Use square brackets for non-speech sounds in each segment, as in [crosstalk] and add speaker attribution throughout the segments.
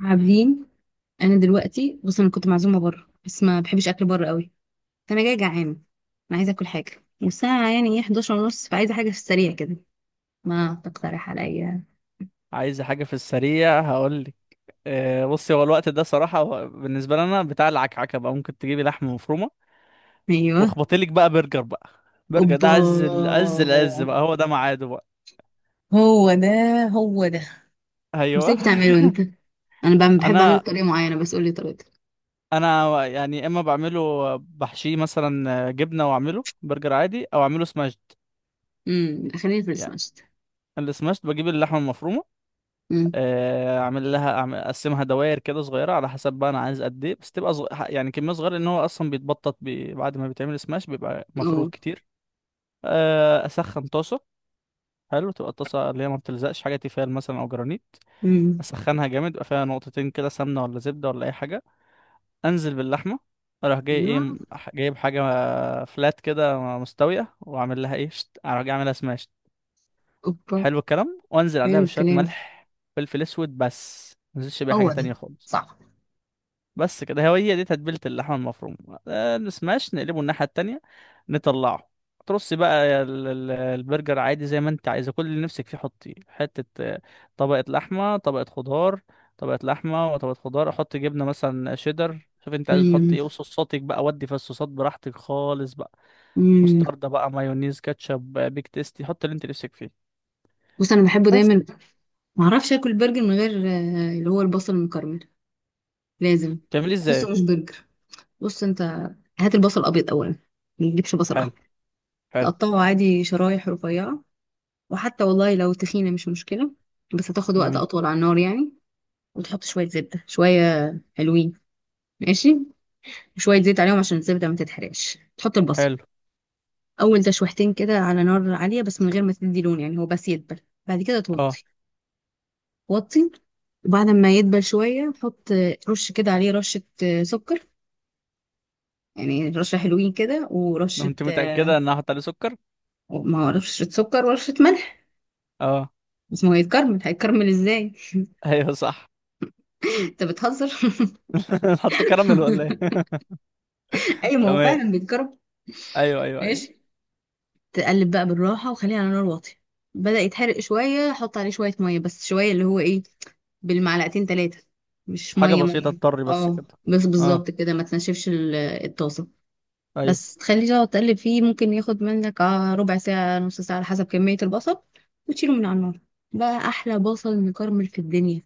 Speaker 1: عابدين، انا دلوقتي بص انا كنت معزومه بره بس ما بحبش اكل بره قوي. فانا جايه جعانه. انا عايزه اكل حاجه والساعه يعني ايه 11 ونص، فعايزه حاجه في السريع كده. ما تقترح عليا؟
Speaker 2: عايز حاجة في السريع هقولك. بصي، هو الوقت ده صراحة، هو بالنسبة لنا بتاع العكعكة بقى. ممكن تجيبي لحمة مفرومة
Speaker 1: ايوه.
Speaker 2: واخبطيلك بقى برجر بقى. برجر
Speaker 1: اوبا.
Speaker 2: ده عز عز العز بقى، هو ده ميعاده بقى.
Speaker 1: هو ده هو ده. ازاي
Speaker 2: ايوه.
Speaker 1: بتعمله انت؟ انا
Speaker 2: [laughs]
Speaker 1: بحب اعمله
Speaker 2: انا
Speaker 1: بطريقه معينه، بس قولي طريقتك.
Speaker 2: انا يعني اما بعمله بحشيه مثلا جبنة واعمله برجر عادي او اعمله سماشد
Speaker 1: خلينا في
Speaker 2: يعني.
Speaker 1: السماشت.
Speaker 2: السماشد بجيب اللحمة المفرومة.
Speaker 1: امم
Speaker 2: اعمل لها أعمل اقسمها دوائر كده صغيره، على حسب بقى انا عايز قد ايه، بس تبقى يعني كميه صغيره، لان هو اصلا بيتبطط بعد ما بيتعمل سماش بيبقى مفروض
Speaker 1: اه.
Speaker 2: كتير. اسخن طاسه. حلو، تبقى الطاسه اللي هي ما بتلزقش حاجه، تيفال مثلا او جرانيت.
Speaker 1: امم
Speaker 2: اسخنها جامد، يبقى فيها نقطتين كده سمنه ولا زبده ولا اي حاجه. انزل باللحمه. اروح جاي ايه
Speaker 1: أيوة.
Speaker 2: جايب حاجه فلات كده مستويه، واعمل لها ايه اروح جاي اعملها سماش.
Speaker 1: اوبا.
Speaker 2: حلو الكلام. وانزل عليها
Speaker 1: حلو
Speaker 2: بشويه
Speaker 1: الكلام.
Speaker 2: ملح، فلفل اسود، بس ما انزلش بيها حاجه
Speaker 1: هو ده.
Speaker 2: تانية خالص.
Speaker 1: صح.
Speaker 2: بس كده، هي دي تتبيلة اللحمة المفروم. نسماش، نقلبه الناحية التانية، نطلعه. ترصي بقى البرجر عادي، زي ما انت عايزة. كل اللي نفسك فيه حطيه، حتة طبقة لحمة طبقة خضار، طبقة لحمة وطبقة خضار. احط جبنة مثلا، شيدر، شوف انت عايز تحط
Speaker 1: امم
Speaker 2: ايه. وصوصاتك بقى، ودي في الصوصات براحتك خالص بقى.
Speaker 1: امم
Speaker 2: مستردة بقى، مايونيز، كاتشب، بيك تيستي، حط اللي انت نفسك فيه
Speaker 1: بص انا بحبه
Speaker 2: بس.
Speaker 1: دايما. ما اعرفش اكل برجر من غير اللي هو البصل المكرمل. لازم.
Speaker 2: تعمليه ازاي؟
Speaker 1: بحسه مش برجر. بص انت، هات البصل ابيض اولا، ما تجيبش بصل
Speaker 2: حلو
Speaker 1: احمر.
Speaker 2: حلو.
Speaker 1: تقطعه عادي شرايح رفيعه، وحتى والله لو تخينه مش مشكله، بس هتاخد وقت
Speaker 2: جميل.
Speaker 1: اطول على النار يعني. وتحط شويه زبده، شويه حلوين، ماشي. وشويه زيت عليهم عشان الزبده ما تتحرقش، تحط البصل.
Speaker 2: حلو
Speaker 1: اول تشويحتين كده على نار عاليه بس من غير ما تدي لون، يعني هو بس يدبل. بعد كده
Speaker 2: اه.
Speaker 1: توطي. وطي. وبعد ما يدبل شويه حط رش كده عليه رشه سكر. يعني رشة حلوين كده ورشة
Speaker 2: انت متأكدة ان هحط عليه سكر؟
Speaker 1: ما هو رشة سكر ورشة ملح.
Speaker 2: اه.
Speaker 1: بس ما هو يتكرمل، هيتكرمل ازاي؟
Speaker 2: ايوه صح.
Speaker 1: [laughs] انت بتهزر. [laughs]
Speaker 2: [laughs] نحط كراميل ولا ايه؟ [laughs]
Speaker 1: ايوه، ما هو
Speaker 2: تمام.
Speaker 1: فعلا بيتكرمل.
Speaker 2: ايوه ايوه ايوه.
Speaker 1: ماشي. تقلب بقى بالراحة وخليها على نار واطية. بدأ يتحرق شوية، حط عليه شوية مية، بس شوية اللي هو ايه، بالمعلقتين تلاتة، مش
Speaker 2: حاجه
Speaker 1: مية
Speaker 2: بسيطه
Speaker 1: مية.
Speaker 2: اضطر بس
Speaker 1: اه.
Speaker 2: كده.
Speaker 1: بس
Speaker 2: اه.
Speaker 1: بالظبط كده، ما تنشفش الطاسة.
Speaker 2: ايوه
Speaker 1: بس تخليه تقعد تقلب فيه، ممكن ياخد منك ربع ساعة نص ساعة على حسب كمية البصل. وتشيله من على النار. بقى أحلى بصل مكرمل في الدنيا.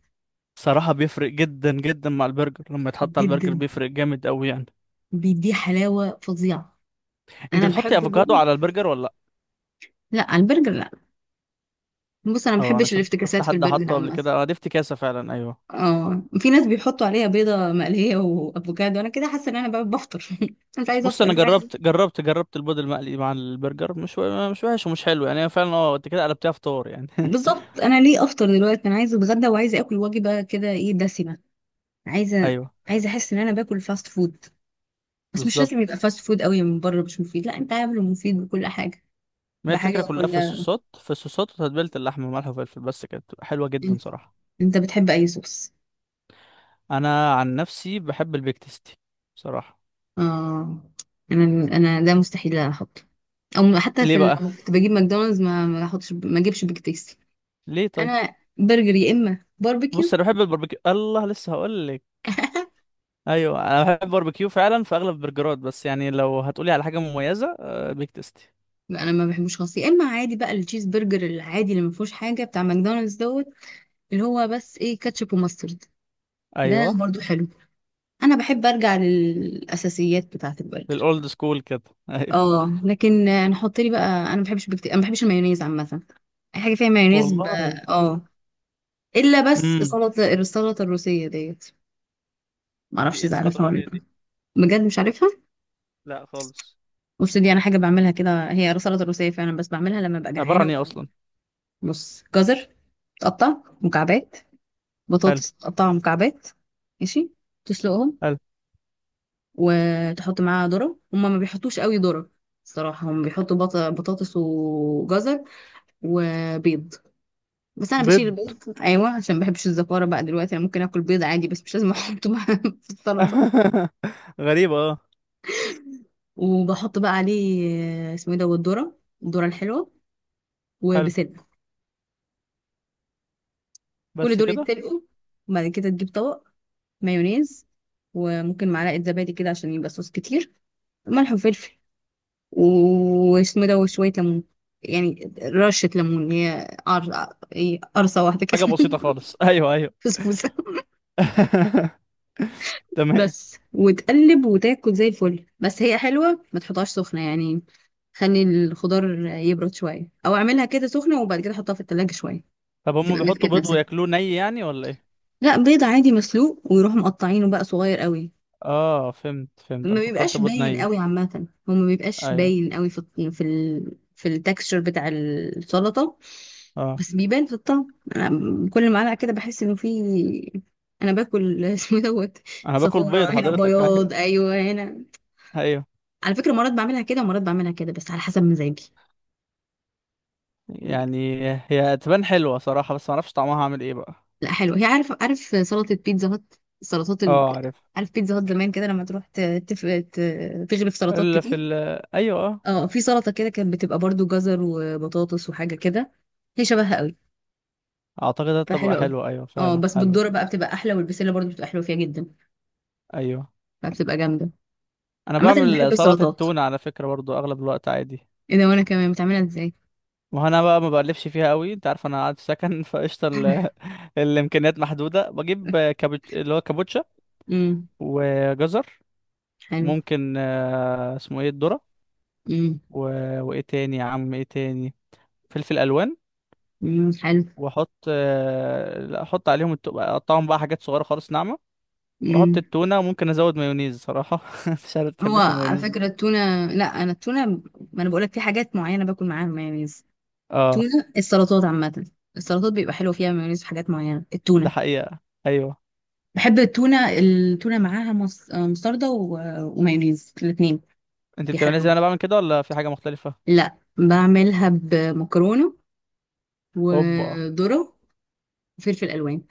Speaker 2: صراحه بيفرق جدا جدا مع البرجر، لما يتحط على البرجر
Speaker 1: جدا.
Speaker 2: بيفرق جامد قوي يعني.
Speaker 1: بيديه حلاوة فظيعة.
Speaker 2: انت
Speaker 1: أنا
Speaker 2: بتحطي
Speaker 1: بحب
Speaker 2: افوكادو
Speaker 1: البرجر.
Speaker 2: على البرجر ولا لا؟
Speaker 1: لا، البرجر لا. بص أنا ما
Speaker 2: اه انا
Speaker 1: بحبش
Speaker 2: شفت
Speaker 1: الافتكاسات في
Speaker 2: حد
Speaker 1: البرجر
Speaker 2: حطه قبل
Speaker 1: عامة.
Speaker 2: كده، اه دي افتكاسه فعلا، ايوه.
Speaker 1: اه، في ناس بيحطوا عليها بيضة مقلية وأفوكادو، أنا كده حاسة إن أنا بقى بفطر. [laughs] أنا مش عايزة
Speaker 2: بص
Speaker 1: أفطر،
Speaker 2: انا
Speaker 1: أنا عايزة.
Speaker 2: جربت البيض المقلي مع البرجر، مش مش وحش ومش حلو يعني، هي فعلا اه، انت كده قلبتيها فطار يعني. [laughs]
Speaker 1: بالظبط، أنا ليه أفطر دلوقتي؟ أنا عايزة أتغدى وعايزة آكل وجبة كده إيه، دسمة. عايزة.
Speaker 2: ايوه
Speaker 1: عايزة أحس إن أنا باكل فاست فود. بس مش لازم
Speaker 2: بالظبط.
Speaker 1: يبقى فاست فود قوي من بره مش مفيد، لا انت عامله مفيد بكل حاجه.
Speaker 2: ما هي
Speaker 1: بحاجه
Speaker 2: الفكره كلها
Speaker 1: وكل.
Speaker 2: في الصوصات، في الصوصات وتتبيله اللحمه وملح وفلفل، بس كده بتبقى حلوه جدا
Speaker 1: انت،
Speaker 2: صراحه.
Speaker 1: انت بتحب اي صوص؟
Speaker 2: انا عن نفسي بحب البيك تيستي بصراحه.
Speaker 1: اه. انا ده مستحيل احطه. او حتى في
Speaker 2: ليه بقى؟
Speaker 1: لما كنت بجيب ماكدونالدز، ما احطش، ما اجيبش بيج تيستي.
Speaker 2: ليه طيب؟
Speaker 1: انا برجر يا اما
Speaker 2: بص
Speaker 1: باربيكيو.
Speaker 2: انا بحب الباربيكيو، الله لسه هقول لك.
Speaker 1: [laughs]
Speaker 2: ايوه، انا بحب الباربيكيو فعلا في اغلب البرجرات، بس يعني لو هتقولي على حاجه مميزه بيك تيستي.
Speaker 1: انا ما بحبوش خالص، يا اما عادي بقى التشيز برجر العادي اللي ما فيهوش حاجه بتاع ماكدونالدز دوت، اللي هو بس ايه، كاتشب وماسترد. ده
Speaker 2: ايوه
Speaker 1: برضو حلو. انا بحب ارجع للاساسيات بتاعه البرجر.
Speaker 2: الاولد سكول كده. [laughs] ايوه.
Speaker 1: اه لكن نحط لي بقى، انا ما بحبش بكتير، انا ما بحبش المايونيز عامه. اي حاجه فيها مايونيز
Speaker 2: والله.
Speaker 1: اه. الا بس
Speaker 2: امم
Speaker 1: السلطه، السلطه الروسيه ديت. ما
Speaker 2: دي
Speaker 1: اعرفش
Speaker 2: ايه
Speaker 1: اذا
Speaker 2: السلطه
Speaker 1: عارفها ولا
Speaker 2: الروسيه
Speaker 1: لا.
Speaker 2: دي؟
Speaker 1: بجد مش عارفها؟
Speaker 2: لا خالص.
Speaker 1: بص، دي انا حاجه بعملها كده، هي سلطه روسيه فعلا، بس بعملها لما ببقى
Speaker 2: عباره
Speaker 1: جعانه
Speaker 2: عن ايه اصلا؟
Speaker 1: بص، جزر، تقطع مكعبات.
Speaker 2: حلو
Speaker 1: بطاطس تقطع مكعبات. ماشي. تسلقهم.
Speaker 2: حلو.
Speaker 1: وتحط معاها ذره، هما ما بيحطوش قوي ذره. الصراحه هم بيحطوا بطاطس وجزر وبيض، بس انا بشيل
Speaker 2: بيض؟
Speaker 1: البيض ايوه عشان ما بحبش الزفاره، بقى دلوقتي انا ممكن اكل بيض عادي بس مش لازم احطه بقى [laughs] في السلطه.
Speaker 2: [laughs] غريبه اه.
Speaker 1: وبحط بقى عليه اسمه ايه ده، والذره، الذره الحلوه،
Speaker 2: حلو.
Speaker 1: وبسله. كل
Speaker 2: بس
Speaker 1: دول
Speaker 2: كده؟
Speaker 1: يتسلقوا. وبعد كده تجيب طبق، مايونيز، وممكن معلقه زبادي كده عشان يبقى صوص كتير، ملح وفلفل، واسمه إيه ده، وشويه ليمون، يعني رشه ليمون، هي إيه، قرصه واحده كده.
Speaker 2: حاجه بسيطه
Speaker 1: [laughs]
Speaker 2: خالص. ايوه ايوه.
Speaker 1: فسفوسه.
Speaker 2: [laughs] تمام.
Speaker 1: بس، وتقلب وتاكل زي الفل. بس هي حلوه ما تحطهاش سخنه يعني، خلي الخضار يبرد شويه، او اعملها كده سخنه وبعد كده احطها في التلاجة شويه
Speaker 2: طب هم
Speaker 1: تبقى
Speaker 2: بيحطوا
Speaker 1: مسكت
Speaker 2: بيض
Speaker 1: نفسها.
Speaker 2: وياكلوه ني يعني ولا ايه؟
Speaker 1: لا، بيضه عادي مسلوق، ويروحوا مقطعينه بقى صغير قوي.
Speaker 2: اه فهمت،
Speaker 1: ما
Speaker 2: انا فكرت
Speaker 1: بيبقاش
Speaker 2: بيض
Speaker 1: باين
Speaker 2: ني.
Speaker 1: قوي عامه، هو ما بيبقاش
Speaker 2: ايوه
Speaker 1: باين قوي في في التكستشر بتاع السلطه.
Speaker 2: اه.
Speaker 1: بس بيبان في الطعم، انا كل معلقه كده بحس انه في. انا باكل. [laughs] اسمه دوت.
Speaker 2: انا باكل بيض
Speaker 1: صفارة هنا،
Speaker 2: حضرتك. [laughs] ايوه.
Speaker 1: بياض ايوه هنا.
Speaker 2: ايوه
Speaker 1: على فكره مرات بعملها كده ومرات بعملها كده بس على حسب مزاجي.
Speaker 2: يعني، هي تبان حلوه صراحه، بس ما اعرفش طعمها عامل ايه بقى.
Speaker 1: لا حلو، هي عارف، سلطة بيتزا هات، السلطات
Speaker 2: اه عارف.
Speaker 1: عارف بيتزا هات زمان كده، لما تروح تغرف سلطات
Speaker 2: الا في
Speaker 1: كتير.
Speaker 2: ايوه اه.
Speaker 1: اه، في سلطة كده كانت بتبقى برضو جزر وبطاطس وحاجة كده، هي شبهها قوي.
Speaker 2: اعتقد هتبقى
Speaker 1: فحلوة قوي.
Speaker 2: حلوه، ايوه
Speaker 1: اه،
Speaker 2: فعلا
Speaker 1: بس
Speaker 2: حلوه.
Speaker 1: بالذرة بقى بتبقى احلى، والبسلة برضو بتبقى حلوة فيها جدا.
Speaker 2: ايوه.
Speaker 1: فبتبقى جامدة.
Speaker 2: انا
Speaker 1: عامة أنا بحب
Speaker 2: بعمل سلطه
Speaker 1: السلطات.
Speaker 2: التونه على فكره برضو اغلب الوقت عادي.
Speaker 1: ايه ده، وانا كمان بتعملها ازاي؟
Speaker 2: ما هو انا بقى ما بقلبش فيها قوي، انت عارف انا قاعد في سكن. [laughs] فقشطه الامكانيات محدوده. بجيب كابوتش، اللي هو كابوتشا،
Speaker 1: [laughs] امم
Speaker 2: وجزر.
Speaker 1: حلو.
Speaker 2: ممكن اسمه ايه، الذرة.
Speaker 1: امم
Speaker 2: و... وايه تاني يا عم، ايه تاني. فلفل الوان.
Speaker 1: حلو.
Speaker 2: واحط لا احط عليهم اقطعهم بقى حاجات صغيرة خالص، ناعمة. واحط
Speaker 1: امم
Speaker 2: التونة وممكن ازود مايونيز صراحة. [laughs] مش عارف
Speaker 1: هو
Speaker 2: بتحبش
Speaker 1: على
Speaker 2: المايونيز
Speaker 1: فكرة
Speaker 2: دي.
Speaker 1: التونة، لا انا التونة، ما انا بقولك في حاجات معينة باكل معاها مايونيز.
Speaker 2: اه
Speaker 1: تونة، السلطات عامة، السلطات بيبقى حلو فيها مايونيز في حاجات معينة،
Speaker 2: ده
Speaker 1: التونة.
Speaker 2: حقيقة. ايوه.
Speaker 1: بحب التونة، التونة معاها مستردة ومايونيز الاتنين.
Speaker 2: انت بتعملها زي
Speaker 1: بيحلوه.
Speaker 2: انا بعمل كده ولا في حاجة مختلفة؟
Speaker 1: لا، بعملها بمكرونة،
Speaker 2: هوبا.
Speaker 1: وذرة، وفلفل ألوان.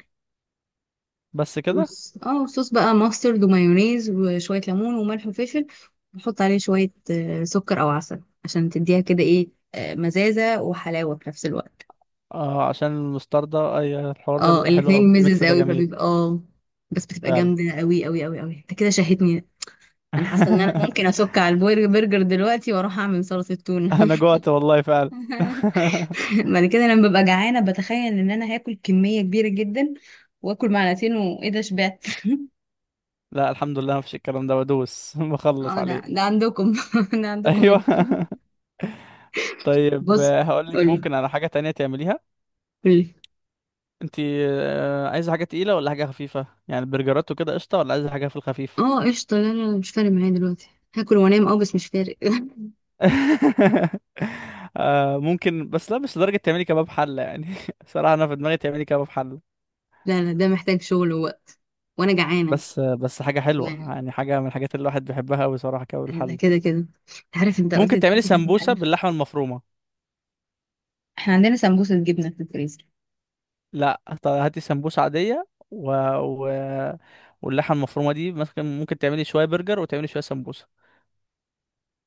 Speaker 2: بس كده؟
Speaker 1: بص، اه، صوص بقى ماسترد ومايونيز وشوية ليمون وملح وفلفل. بحط عليه شوية سكر أو عسل عشان تديها كده ايه مزازة وحلاوة في نفس الوقت.
Speaker 2: اه، عشان المستردة اي، الحوار ده
Speaker 1: اه،
Speaker 2: بيبقى حلو قوي،
Speaker 1: الاتنين ميزز
Speaker 2: الميكس ده
Speaker 1: قوي
Speaker 2: جميل.
Speaker 1: فبيبقى اه. بس بتبقى
Speaker 2: فعلا.
Speaker 1: جامدة قوي قوي قوي قوي، انت كده شهيتني. انا حاسة ان انا
Speaker 2: [laughs]
Speaker 1: ممكن اسك على البرجر برجر دلوقتي واروح اعمل صلصة تونة.
Speaker 2: انا
Speaker 1: [laughs]
Speaker 2: جوعت والله فعلا. [laughs]
Speaker 1: بعد كده لما ببقى جعانة بتخيل ان انا هاكل كمية كبيرة جدا، واكل معلقتين وايه ده شبعت.
Speaker 2: لا الحمد لله مفيش، الكلام ده بدوس [laughs] بخلص
Speaker 1: اه، ده
Speaker 2: عليه.
Speaker 1: ده عندكم. [laughs] ده عندكم
Speaker 2: ايوه.
Speaker 1: انتوا.
Speaker 2: [laughs] طيب
Speaker 1: بص،
Speaker 2: هقول لك
Speaker 1: قولي،
Speaker 2: ممكن على حاجه تانية تعمليها.
Speaker 1: قولي.
Speaker 2: انت عايزه حاجه تقيله ولا حاجه خفيفه يعني؟ برجرات وكده قشطه، ولا عايزه حاجه في الخفيف؟
Speaker 1: اه قشطة، لا لا لا، مش فارق معايا دلوقتي. هاكل وانام، اه بس مش فارق. [laughs]
Speaker 2: [laughs] ممكن، بس لا مش لدرجه تعملي كباب حله يعني. [laughs] صراحه انا في دماغي تعملي كباب حله.
Speaker 1: لا لا، ده محتاج شغل ووقت، وانا جعانة.
Speaker 2: بس حاجه حلوه
Speaker 1: يعني
Speaker 2: يعني، حاجه من الحاجات اللي الواحد بيحبها قوي صراحه، كباب
Speaker 1: ده
Speaker 2: الحله.
Speaker 1: كده كده. عارف انت قلت
Speaker 2: ممكن تعملي
Speaker 1: دلوقتي كده
Speaker 2: سمبوسه
Speaker 1: بحاجة.
Speaker 2: باللحمه المفرومه.
Speaker 1: احنا عندنا سمبوسة جبنة في الفريزر.
Speaker 2: لا طب هاتي سمبوسة عادية، و... و... واللحمة المفرومة دي مثلا ممكن تعملي شوية برجر وتعملي شوية سمبوسة.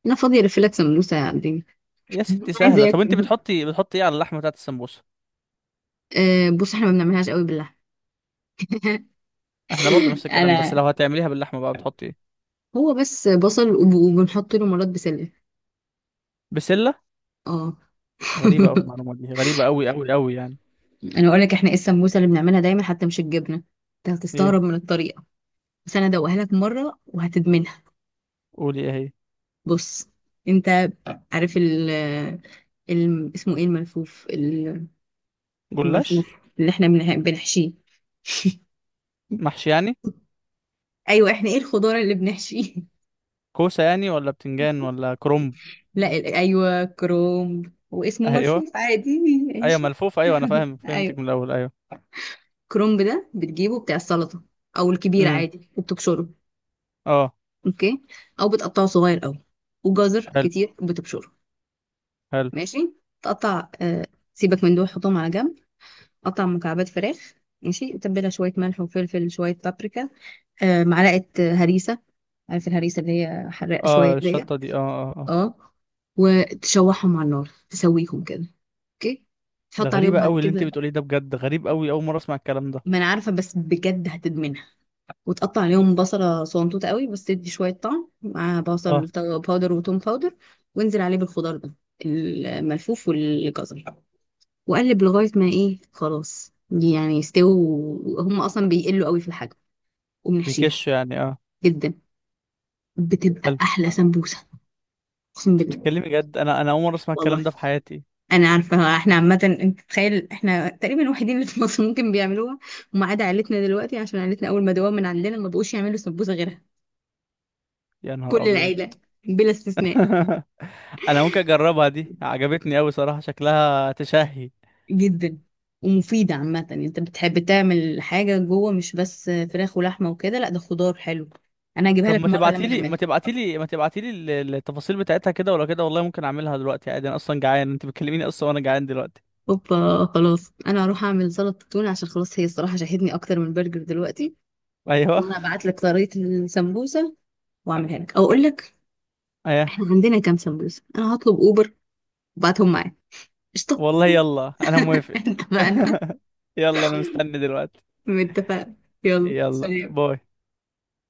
Speaker 1: انا فاضية الف لك سمبوسة يا عبدين؟
Speaker 2: يا ستي
Speaker 1: [laughs]
Speaker 2: سهلة.
Speaker 1: عايزة
Speaker 2: طب انت
Speaker 1: اكل.
Speaker 2: بتحطي، ايه على اللحمة بتاعت السمبوسة؟
Speaker 1: أه، بص احنا ما بنعملهاش قوي باللحمة.
Speaker 2: احنا برضو نفس الكلام، بس
Speaker 1: انا،
Speaker 2: لو هتعمليها باللحمة بقى بتحطي ايه؟
Speaker 1: هو بس بصل وبنحط له مرات بسلة.
Speaker 2: بسلة؟
Speaker 1: اه. [laughs]
Speaker 2: غريبة قوي المعلومة دي، غريبة قوي قوي قوي يعني.
Speaker 1: انا اقول لك احنا ايه السمبوسة اللي بنعملها دايما حتى مش الجبنة، انت
Speaker 2: ايه؟
Speaker 1: هتستغرب من الطريقة، بس انا ادوقها لك مرة وهتدمنها.
Speaker 2: قولي ايه هي.
Speaker 1: بص انت، عارف اسمه ايه الملفوف
Speaker 2: جلاش.
Speaker 1: الملفوف اللي احنا بنحشيه،
Speaker 2: محشي يعني؟
Speaker 1: ايوه احنا ايه الخضار اللي بنحشيه؟
Speaker 2: كوسة يعني ولا بتنجان
Speaker 1: [laughs]
Speaker 2: ولا كرنب؟
Speaker 1: لا ايوه كرومب،
Speaker 2: [laughs]
Speaker 1: واسمه
Speaker 2: ايوه
Speaker 1: ملفوف عادي،
Speaker 2: ايوه
Speaker 1: ماشي.
Speaker 2: ملفوف، ايوه انا فاهم فهمتك
Speaker 1: ايوه،
Speaker 2: من الاول، ايوه.
Speaker 1: كرومب ده بتجيبه بتاع السلطه او الكبير
Speaker 2: امم
Speaker 1: عادي، وبتبشره.
Speaker 2: اه.
Speaker 1: اوكي. او بتقطعه صغير قوي، وجزر
Speaker 2: حلو
Speaker 1: كتير بتبشره.
Speaker 2: حلو.
Speaker 1: ماشي. تقطع آه، سيبك من دول حطهم على جنب. قطع مكعبات فراخ. ماشي. تبلها شويه ملح وفلفل، شويه بابريكا، آه معلقه هريسه. عارف الهريسه اللي هي حراقه
Speaker 2: اه
Speaker 1: شويه ديت.
Speaker 2: الشطة دي اه اه آه.
Speaker 1: اه. وتشوحهم على النار، تسويهم كده. اوكي.
Speaker 2: ده
Speaker 1: تحط عليهم
Speaker 2: غريبة
Speaker 1: بعد
Speaker 2: قوي اللي انت
Speaker 1: كده،
Speaker 2: بتقوليه ده، بجد غريب قوي، اول مرة اسمع الكلام ده.
Speaker 1: ما انا عارفه بس بجد هتدمنها، وتقطع عليهم بصله صنطوطه قوي، بس تدي شويه طعم، مع بصل
Speaker 2: اه
Speaker 1: باودر وتوم باودر. وانزل عليه بالخضار ده، الملفوف والجزر، وقلب لغايه ما ايه خلاص يعني يستووا، هم اصلا بيقلوا قوي في الحجم. وبنحشيها.
Speaker 2: بيكش يعني اه.
Speaker 1: جدا. بتبقى
Speaker 2: بل.
Speaker 1: احلى سمبوسه، اقسم
Speaker 2: انت
Speaker 1: بالله.
Speaker 2: بتتكلمي جد؟ انا اول مرة اسمع
Speaker 1: والله
Speaker 2: الكلام ده في حياتي.
Speaker 1: انا عارفه. احنا عامه، انت تخيل، احنا تقريبا الوحيدين اللي في مصر ممكن بيعملوها، وما عدا عيلتنا دلوقتي عشان عيلتنا اول ما دوام من عندنا ما بقوش يعملوا سمبوسه غيرها.
Speaker 2: يا نهار
Speaker 1: كل
Speaker 2: ابيض.
Speaker 1: العيله بلا استثناء.
Speaker 2: [laughs] انا ممكن اجربها، دي عجبتني قوي صراحة، شكلها تشهي.
Speaker 1: جدا. ومفيده عامه، يعني انت بتحب تعمل حاجه جوه مش بس فراخ ولحمه وكده، لا، ده خضار حلو. انا هجيبها
Speaker 2: طب
Speaker 1: لك مره لما نعملها.
Speaker 2: ما تبعتيلي التفاصيل بتاعتها كده ولا كده. والله ممكن اعملها دلوقتي عادي، انا اصلا جعان، انت بتكلميني اصلا وانا جعان دلوقتي.
Speaker 1: اوبا خلاص، انا هروح اعمل سلطه تونه عشان خلاص، هي الصراحه شاهدني اكتر من برجر دلوقتي.
Speaker 2: ايوه
Speaker 1: وانا هبعت لك طريقه السمبوسه، واعملها لك او اقول لك
Speaker 2: ايوه.
Speaker 1: احنا عندنا كام سمبوسه، انا هطلب اوبر وبعتهم معايا. قشطة.
Speaker 2: والله يلا انا
Speaker 1: [laughs]
Speaker 2: موافق.
Speaker 1: اتفقنا.
Speaker 2: [laughs] يلا انا مستني دلوقتي.
Speaker 1: متفقين. يلا
Speaker 2: يلا
Speaker 1: سلام.
Speaker 2: باي.